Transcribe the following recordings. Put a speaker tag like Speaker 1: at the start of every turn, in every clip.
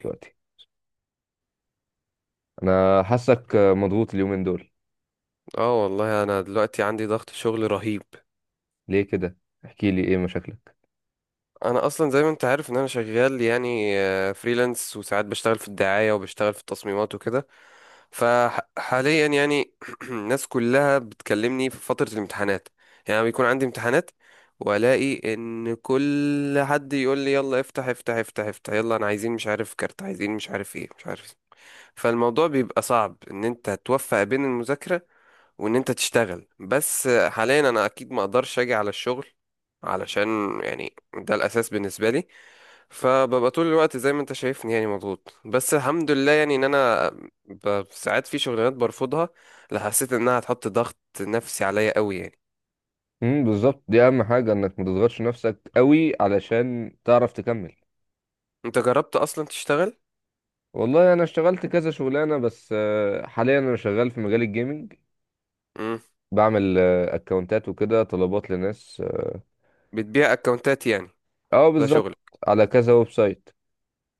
Speaker 1: دلوقتي انا حاسك مضغوط اليومين دول.
Speaker 2: اه، والله انا دلوقتي عندي ضغط شغل رهيب.
Speaker 1: ليه كده؟ احكي لي ايه مشاكلك.
Speaker 2: انا اصلا زي ما انت عارف ان انا شغال يعني فريلانس، وساعات بشتغل في الدعاية وبشتغل في التصميمات وكده. فحاليا يعني الناس كلها بتكلمني في فترة الامتحانات، يعني بيكون عندي امتحانات، والاقي ان كل حد يقول لي يلا افتح افتح افتح افتح يلا انا عايزين مش عارف كارت عايزين مش عارف ايه مش عارف إيه. فالموضوع بيبقى صعب ان انت توفق بين المذاكرة وان انت تشتغل، بس حاليا انا اكيد ما اقدرش اجي على الشغل علشان يعني ده الاساس بالنسبه لي. فببقى طول الوقت زي ما انت شايفني يعني مضغوط، بس الحمد لله يعني ان انا ساعات في شغلانات برفضها لا حسيت انها هتحط ضغط نفسي عليا قوي يعني.
Speaker 1: بالظبط، دي اهم حاجه انك ما تضغطش نفسك قوي علشان تعرف تكمل.
Speaker 2: انت جربت اصلا تشتغل؟
Speaker 1: والله انا اشتغلت كذا شغلانه، بس حاليا انا شغال في مجال الجيمنج.
Speaker 2: امم
Speaker 1: بعمل اكونتات وكده، طلبات لناس. اه
Speaker 2: بتبيع اكونتات يعني؟ ده
Speaker 1: بالظبط.
Speaker 2: شغل؟
Speaker 1: على كذا ويب سايت.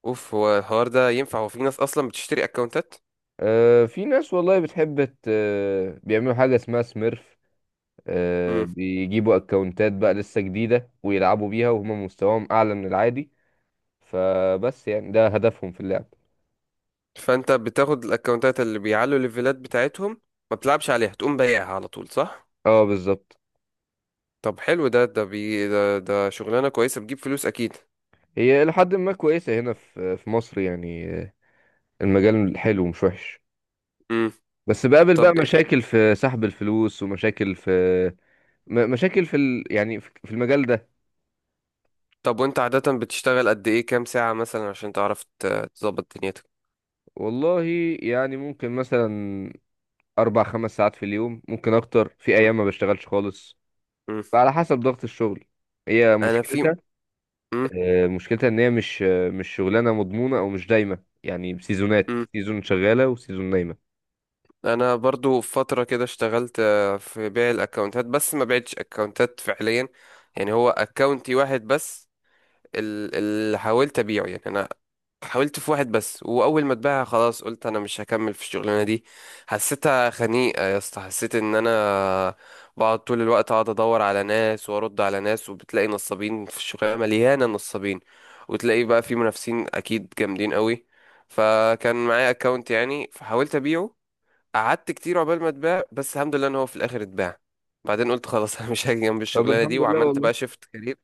Speaker 2: اوف، هو الحوار ده ينفع؟ هو في ناس اصلا بتشتري اكونتات؟
Speaker 1: في ناس والله بتحب بيعملوا حاجه اسمها سميرف.
Speaker 2: امم
Speaker 1: بيجيبوا اكونتات بقى لسه جديده ويلعبوا بيها وهم مستواهم اعلى من العادي. فبس يعني ده هدفهم في اللعب.
Speaker 2: فانت بتاخد الاكونتات اللي بيعلوا الليفلات بتاعتهم، ما بتلعبش عليها تقوم بايعها على طول، صح؟
Speaker 1: اه بالظبط.
Speaker 2: طب حلو، ده شغلانة كويسة بتجيب فلوس أكيد.
Speaker 1: هي لحد ما كويسة هنا في مصر يعني. المجال حلو مش وحش.
Speaker 2: امم
Speaker 1: بس بقابل بقى
Speaker 2: طب
Speaker 1: مشاكل في سحب الفلوس ومشاكل في مشاكل يعني في المجال ده.
Speaker 2: طب وأنت عادة بتشتغل قد إيه، كام ساعة مثلا عشان تعرف تظبط دنيتك؟
Speaker 1: والله يعني ممكن مثلا أربع خمس ساعات في اليوم، ممكن أكتر في
Speaker 2: مم.
Speaker 1: أيام ما بشتغلش خالص.
Speaker 2: مم.
Speaker 1: على حسب ضغط الشغل. هي
Speaker 2: أنا في
Speaker 1: مشكلتها،
Speaker 2: مم.
Speaker 1: مشكلتها إن هي مش شغلانة مضمونة أو مش دايمة، يعني سيزونات،
Speaker 2: مم.
Speaker 1: سيزون شغالة وسيزون نايمة.
Speaker 2: أنا برضو في فترة كده اشتغلت في بيع الأكونتات، بس ما بعتش أكونتات فعليا. يعني هو أكونتي واحد بس، اللي حاولت أبيعه. يعني أنا حاولت في واحد بس، واول ما اتباع خلاص قلت انا مش هكمل في الشغلانه دي. حسيتها خنيقه يا اسطى، حسيت ان انا بقعد طول الوقت، اقعد ادور على ناس وارد على ناس، وبتلاقي نصابين في الشغلانه، مليانه نصابين، وتلاقي بقى في منافسين اكيد جامدين قوي. فكان معايا اكونت يعني فحاولت ابيعه، قعدت كتير عقبال ما اتباع، بس الحمد لله ان هو في الاخر اتباع. بعدين قلت خلاص انا مش هاجي جنب
Speaker 1: طب
Speaker 2: الشغلانه دي،
Speaker 1: الحمد لله
Speaker 2: وعملت
Speaker 1: والله.
Speaker 2: بقى شيفت كارير.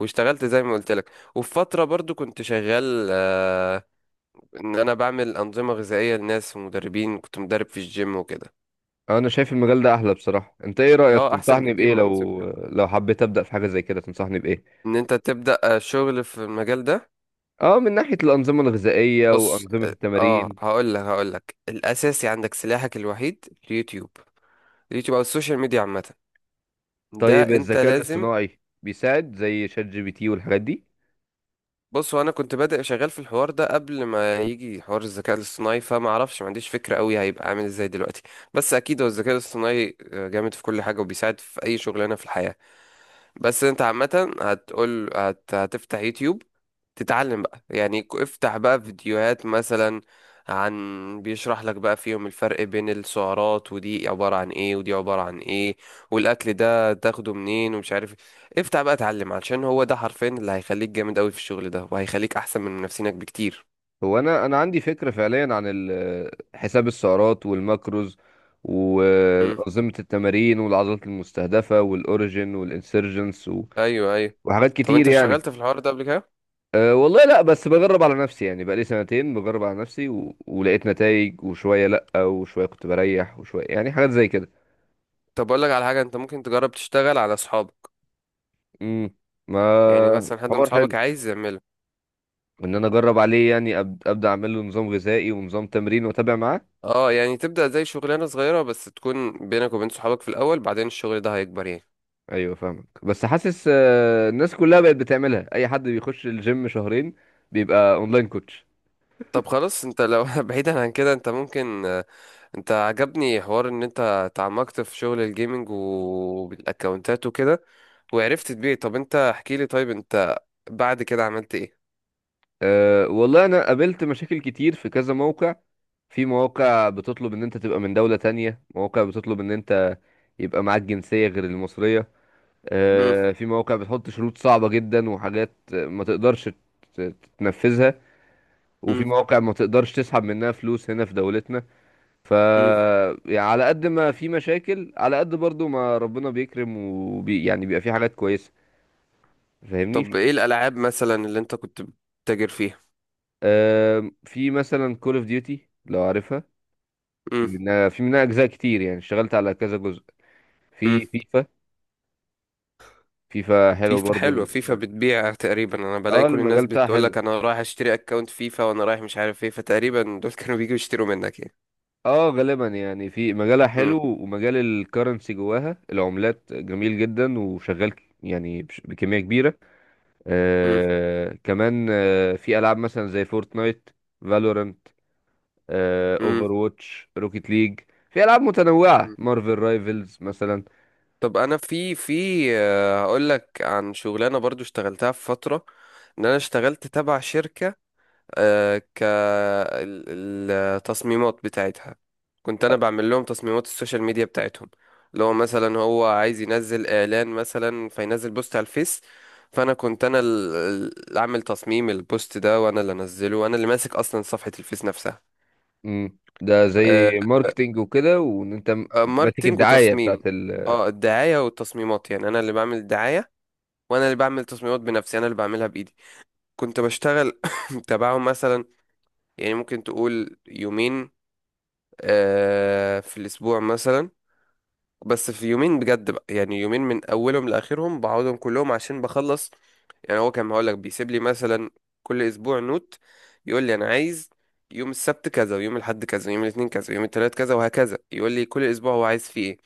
Speaker 2: واشتغلت زي ما قلت لك، وفي فتره برضو كنت شغال ان انا بعمل انظمه غذائيه لناس ومدربين، كنت مدرب في الجيم وكده.
Speaker 1: انا شايف المجال ده احلى بصراحه، انت ايه رايك؟
Speaker 2: اه، احسن
Speaker 1: تنصحني
Speaker 2: بكتير
Speaker 1: بايه؟
Speaker 2: ما انا
Speaker 1: لو
Speaker 2: سبته،
Speaker 1: حبيت ابدا في حاجه زي كده تنصحني بايه؟
Speaker 2: ان انت تبدا شغل في المجال ده.
Speaker 1: اه، من ناحيه الانظمه الغذائيه
Speaker 2: بص،
Speaker 1: وانظمه التمارين.
Speaker 2: هقول لك الاساسي عندك سلاحك الوحيد اليوتيوب، اليوتيوب او السوشيال ميديا عامه. ده
Speaker 1: طيب
Speaker 2: انت
Speaker 1: الذكاء
Speaker 2: لازم،
Speaker 1: الاصطناعي بيساعد زي شات جي بي تي والحاجات دي؟
Speaker 2: بص، وانا كنت بادئ شغال في الحوار ده قبل ما يجي حوار الذكاء الاصطناعي، فما اعرفش ما عنديش فكره قوي هيبقى عامل ازاي دلوقتي. بس اكيد هو الذكاء الاصطناعي جامد في كل حاجه وبيساعد في اي شغلانه في الحياه. بس انت عامة هتقول هتفتح يوتيوب، تتعلم بقى، يعني افتح بقى فيديوهات مثلا عن، بيشرح لك بقى فيهم الفرق بين السعرات، ودي عبارة عن ايه ودي عبارة عن ايه، والاكل ده تاخده منين ومش عارف ايه. افتح بقى اتعلم، علشان هو ده حرفيا اللي هيخليك جامد قوي في الشغل ده، وهيخليك احسن من منافسينك بكتير.
Speaker 1: هو انا عندي فكره فعليا عن حساب السعرات والماكروز
Speaker 2: امم
Speaker 1: وانظمه التمارين والعضلات المستهدفه والاوريجين والانسرجنس
Speaker 2: ايوه، ايوه.
Speaker 1: وحاجات
Speaker 2: طب
Speaker 1: كتير
Speaker 2: انت
Speaker 1: يعني.
Speaker 2: اشتغلت في الحوار ده قبل كده؟
Speaker 1: أه والله لا، بس بجرب على نفسي يعني بقالي سنتين بجرب على نفسي ولقيت نتائج، وشوية لا وشوية كنت بريح، وشوية يعني حاجات زي كده.
Speaker 2: طب اقول لك على حاجة، انت ممكن تجرب تشتغل على اصحابك،
Speaker 1: امم. ما
Speaker 2: يعني مثلا حد من
Speaker 1: حوار حلو
Speaker 2: اصحابك عايز يعمله.
Speaker 1: ان انا اجرب عليه يعني ابدا اعمل له نظام غذائي ونظام تمرين واتابع معاه.
Speaker 2: اه، يعني تبدأ زي شغلانة صغيرة بس تكون بينك وبين صحابك في الأول، بعدين الشغل ده هيكبر يعني.
Speaker 1: ايوه فاهمك، بس حاسس أه الناس كلها بقت بتعملها، اي حد بيخش الجيم شهرين بيبقى اونلاين كوتش.
Speaker 2: طب خلاص، انت لو بعيدا عن كده، انت ممكن انت عجبني حوار ان انت تعمقت في شغل الجيمنج والاكونتات وكده، وعرفت تبيع. طب انت احكي لي، طيب انت بعد كده عملت ايه؟
Speaker 1: أه والله انا قابلت مشاكل كتير في كذا موقع. في مواقع بتطلب ان انت تبقى من دولة تانية، مواقع بتطلب ان انت يبقى معاك جنسية غير المصرية.
Speaker 2: مم،
Speaker 1: في مواقع بتحط شروط صعبة جدا وحاجات ما تقدرش تنفذها. وفي
Speaker 2: مم،
Speaker 1: مواقع ما تقدرش تسحب منها فلوس هنا في دولتنا. ف،
Speaker 2: مم.
Speaker 1: يعني على قد ما في مشاكل، على قد برضو ما ربنا بيكرم وبي يعني بيبقى في حاجات كويسة. فاهمني؟
Speaker 2: طب
Speaker 1: في
Speaker 2: ايه الألعاب مثلا اللي انت كنت بتتاجر فيها؟
Speaker 1: في مثلا كول اوف ديوتي لو عارفها. في
Speaker 2: مم،
Speaker 1: منها في منها اجزاء كتير يعني اشتغلت على كذا جزء.
Speaker 2: مم.
Speaker 1: في فيفا. فيفا حلو
Speaker 2: فيفا
Speaker 1: برضو
Speaker 2: حلوة، فيفا بتبيع تقريبا. انا بلاقي
Speaker 1: اه،
Speaker 2: كل الناس
Speaker 1: المجال بتاعها
Speaker 2: بتقول
Speaker 1: حلو.
Speaker 2: لك انا رايح اشتري اكونت فيفا، وانا رايح مش عارف ايه، فتقريبا دول كانوا بيجوا يشتروا منك يعني.
Speaker 1: اه غالبا يعني في مجالها
Speaker 2: مم.
Speaker 1: حلو، ومجال الكرنسي جواها، العملات جميل جدا وشغال يعني بكمية كبيرة.
Speaker 2: مم.
Speaker 1: آه كمان آه في ألعاب مثلا زي فورتنايت، فالورانت، آه
Speaker 2: مم.
Speaker 1: اوفر واتش، روكيت ليج. في ألعاب متنوعة،
Speaker 2: مم.
Speaker 1: مارفل رايفلز مثلا.
Speaker 2: طب انا في هقول لك عن شغلانة برضو اشتغلتها في فترة، ان انا اشتغلت تبع شركة، كالتصميمات بتاعتها. كنت انا
Speaker 1: آه،
Speaker 2: بعمل لهم تصميمات السوشيال ميديا بتاعتهم، لو مثلا هو عايز ينزل اعلان مثلا فينزل بوست على الفيس، فانا كنت انا اللي عامل تصميم البوست ده، وانا اللي انزله، وانا اللي ماسك اصلا صفحة الفيس نفسها.
Speaker 1: مم. ده زي
Speaker 2: آه،
Speaker 1: ماركتينج وكده وان انت ماسك
Speaker 2: ماركتينج
Speaker 1: الدعاية بتاعت
Speaker 2: وتصميم.
Speaker 1: ال.
Speaker 2: اه، الدعاية والتصميمات، يعني انا اللي بعمل الدعاية، وانا اللي بعمل تصميمات بنفسي، انا اللي بعملها بايدي. كنت بشتغل تبعهم مثلا، يعني ممكن تقول يومين في الأسبوع مثلا، بس في يومين بجد بقى، يعني يومين من أولهم لآخرهم بقعدهم كلهم عشان بخلص. يعني هو كان هقولك بيسيب لي مثلا كل أسبوع نوت، يقول لي أنا عايز يوم السبت كذا، ويوم الأحد كذا، ويوم الاثنين كذا، ويوم الثلاث كذا، وهكذا. يقول لي كل أسبوع هو عايز فيه إيه،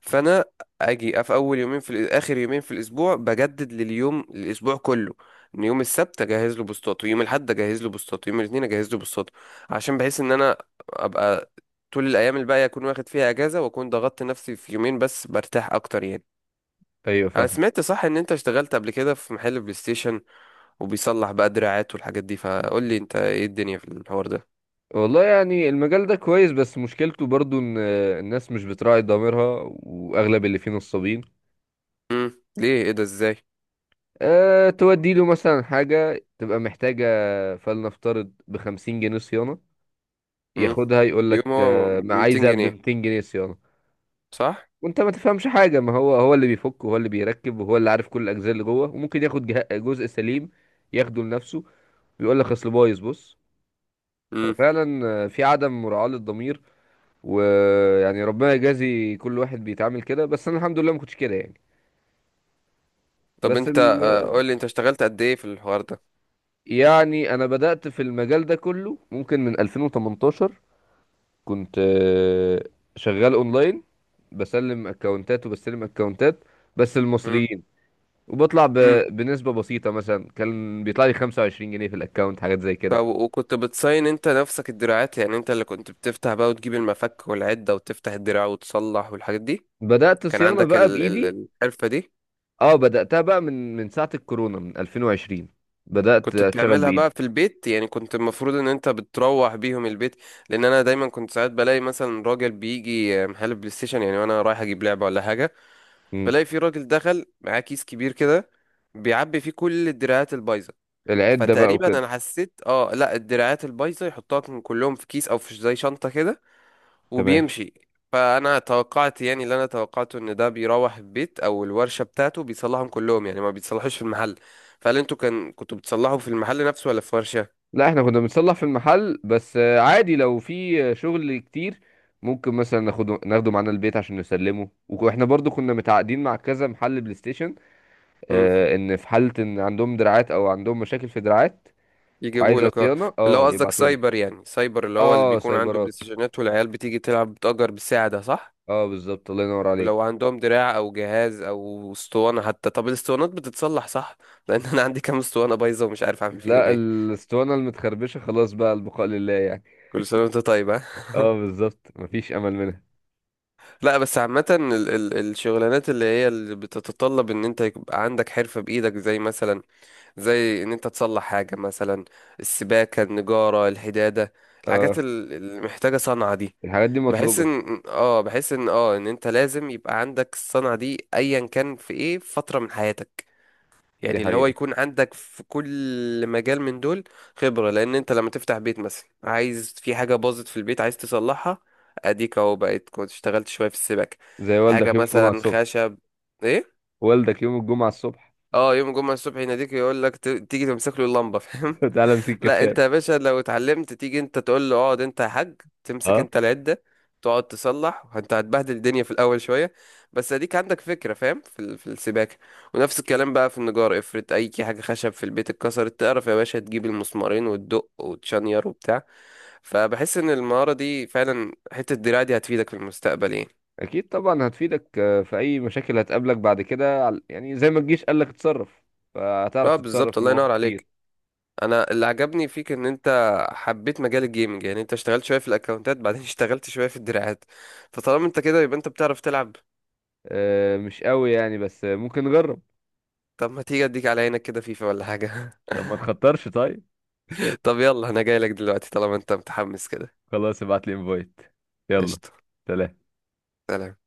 Speaker 2: فانا اجي في اول يومين، في اخر يومين في الاسبوع، بجدد لليوم الاسبوع كله، ان يوم السبت اجهز له بوستات، ويوم الاحد اجهز له بوستات، ويوم الاثنين اجهز له بوستات، عشان بحيث ان انا ابقى طول الايام الباقيه اكون واخد فيها اجازه، واكون ضغطت نفسي في يومين بس برتاح اكتر يعني.
Speaker 1: ايوه
Speaker 2: انا
Speaker 1: فاهم.
Speaker 2: سمعت صح ان انت اشتغلت قبل كده في محل بلاي ستيشن، وبيصلح بقى دراعات والحاجات دي، فقول لي انت ايه الدنيا في الحوار ده.
Speaker 1: والله يعني المجال ده كويس، بس مشكلته برضو ان الناس مش بتراعي ضميرها، واغلب اللي فيه نصابين.
Speaker 2: ليه، ايه ده، ازاي؟
Speaker 1: أه، تودي له مثلا حاجة تبقى محتاجة، فلنفترض بخمسين جنيه صيانة،
Speaker 2: امم
Speaker 1: ياخدها يقول لك
Speaker 2: يوم هو
Speaker 1: ما
Speaker 2: 200
Speaker 1: عايزها
Speaker 2: جنيه
Speaker 1: بمتين جنيه صيانة.
Speaker 2: صح.
Speaker 1: وانت ما تفهمش حاجة، ما هو هو اللي بيفك وهو اللي بيركب وهو اللي عارف كل الأجزاء اللي جوه، وممكن ياخد جزء سليم ياخده لنفسه ويقول لك اصل بايظ، بص.
Speaker 2: امم
Speaker 1: ففعلا في عدم مراعاة للضمير. ويعني ربنا يجازي كل واحد بيتعامل كده، بس انا الحمد لله ما كنتش كده يعني.
Speaker 2: طب
Speaker 1: بس ال...
Speaker 2: انت قول لي انت اشتغلت قد ايه في الحوار ده؟
Speaker 1: يعني انا بدأت في المجال ده كله ممكن من 2018. كنت شغال اونلاين، بسلم اكونتات وبستلم اكونتات بس
Speaker 2: امم
Speaker 1: المصريين. وبطلع ب...
Speaker 2: امم
Speaker 1: بنسبة بسيطة مثلا كان بيطلع لي 25 جنيه في الاكونت، حاجات زي كده.
Speaker 2: طب وكنت بتصين انت نفسك الدراعات؟ يعني انت اللي كنت بتفتح بقى وتجيب المفك والعدة وتفتح الدراع وتصلح والحاجات دي؟
Speaker 1: بدأت
Speaker 2: كان
Speaker 1: صيانة
Speaker 2: عندك
Speaker 1: بقى
Speaker 2: ال
Speaker 1: بإيدي.
Speaker 2: ال الحرفة دي.
Speaker 1: اه، بدأتها بقى من ساعة الكورونا، من 2020. بدأت
Speaker 2: كنت
Speaker 1: اشتغل
Speaker 2: بتعملها بقى
Speaker 1: بإيدي.
Speaker 2: في البيت يعني؟ كنت المفروض ان انت بتروح بيهم البيت؟ لان انا دايما كنت ساعات بلاقي مثلا راجل بيجي محل بلاي ستيشن، يعني وانا رايح اجيب لعبة ولا حاجة،
Speaker 1: مم.
Speaker 2: بلاقي في راجل دخل معاه كيس كبير كده بيعبي فيه كل الدراعات البايظة،
Speaker 1: العدة بقى
Speaker 2: فتقريبا
Speaker 1: وكده.
Speaker 2: انا حسيت اه لا، الدراعات البايظة يحطها كلهم في كيس او في زي شنطة كده
Speaker 1: تمام.
Speaker 2: وبيمشي. فانا توقعت، يعني اللي انا توقعته ان ده بيروح البيت او الورشه بتاعته بيصلحهم كلهم، يعني ما بيتصلحوش في المحل. فهل انتوا كان كنتوا بتصلحوا في المحل نفسه ولا في ورشه؟
Speaker 1: لا، احنا كنا بنصلح في المحل، بس عادي لو في شغل كتير ممكن مثلا ناخده معانا البيت عشان نسلمه. واحنا برضو كنا متعاقدين مع كذا محل بلاي ستيشن.
Speaker 2: امم
Speaker 1: اه، ان في حالة ان عندهم دراعات او عندهم مشاكل في دراعات
Speaker 2: يجيبوا
Speaker 1: وعايزة
Speaker 2: لك، اه.
Speaker 1: صيانة،
Speaker 2: اللي هو
Speaker 1: اه
Speaker 2: قصدك
Speaker 1: يبعتولي.
Speaker 2: سايبر، يعني سايبر اللي هو اللي
Speaker 1: اه
Speaker 2: بيكون عنده بلاي
Speaker 1: سايبرات،
Speaker 2: ستيشنات والعيال بتيجي تلعب بتأجر بالساعه، ده صح؟
Speaker 1: اه بالظبط الله ينور عليك.
Speaker 2: ولو عندهم دراع او جهاز او اسطوانه حتى؟ طب الاسطوانات بتتصلح صح؟ لان انا عندي كام اسطوانه بايظه ومش عارف اعمل فيهم
Speaker 1: لا،
Speaker 2: ايه.
Speaker 1: الاسطوانة المتخربشة خلاص بقى البقاء لله يعني.
Speaker 2: كل سنه وانت طيب آه.
Speaker 1: اه بالظبط، مفيش امل منها.
Speaker 2: لا، بس عامة الشغلانات اللي هي اللي بتتطلب ان انت يبقى عندك حرفة بايدك، زي مثلا زي ان انت تصلح حاجة مثلا، السباكة، النجارة، الحدادة، الحاجات
Speaker 1: اه
Speaker 2: اللي محتاجة صنعة دي.
Speaker 1: الحاجات دي
Speaker 2: بحس
Speaker 1: مطلوبة.
Speaker 2: ان اه بحس ان اه ان انت لازم يبقى عندك الصنعة دي ايا كان في ايه، في فترة من حياتك،
Speaker 1: دي
Speaker 2: يعني اللي هو
Speaker 1: حقيقة.
Speaker 2: يكون عندك في كل مجال من دول خبرة، لأن أنت لما تفتح بيت مثلا، عايز في حاجة باظت في البيت عايز تصلحها، أديك أهو بقيت كنت اشتغلت شوية في السباكة،
Speaker 1: زي
Speaker 2: حاجة
Speaker 1: والدك يوم الجمعة
Speaker 2: مثلا
Speaker 1: الصبح،
Speaker 2: خشب. إيه؟
Speaker 1: والدك يوم الجمعة الصبح
Speaker 2: اه، يوم الجمعة الصبح يناديك يقول لك تيجي تمسك له اللمبة، فاهم؟
Speaker 1: تعالى امسك
Speaker 2: لا،
Speaker 1: كشاف.
Speaker 2: انت يا باشا لو اتعلمت، تيجي انت تقول له اقعد انت يا حاج، تمسك
Speaker 1: اه
Speaker 2: انت العدة تقعد تصلح، انت هتبهدل الدنيا في الاول شوية، بس اديك عندك فكرة، فاهم؟ في في السباكة، ونفس الكلام بقى في النجار، افرض اي حاجة خشب في البيت اتكسرت، تعرف يا باشا تجيب المسمارين وتدق وتشنير وبتاع. فبحس ان المهارة دي فعلا، حتة الدراع دي، هتفيدك في المستقبل يعني.
Speaker 1: اكيد طبعا هتفيدك في اي مشاكل هتقابلك بعد كده، يعني زي ما الجيش قال لك اتصرف. فهتعرف
Speaker 2: اه،
Speaker 1: تتصرف
Speaker 2: بالظبط،
Speaker 1: في
Speaker 2: الله
Speaker 1: مواقف
Speaker 2: ينور
Speaker 1: كتير.
Speaker 2: عليك. انا اللي عجبني فيك ان انت حبيت مجال الجيمنج، يعني انت اشتغلت شويه في الاكونتات، بعدين اشتغلت شويه في الدراعات، فطالما انت كده يبقى انت بتعرف تلعب.
Speaker 1: مش قوي يعني، بس ممكن نجرب.
Speaker 2: طب ما تيجي اديك على عينك كده فيفا ولا حاجه
Speaker 1: طب ما نخطرش طيب.
Speaker 2: طب يلا انا جاي لك دلوقتي طالما انت متحمس كده.
Speaker 1: خلاص ابعت لي انفايت. يلا
Speaker 2: قشطه.
Speaker 1: سلام.
Speaker 2: سلام.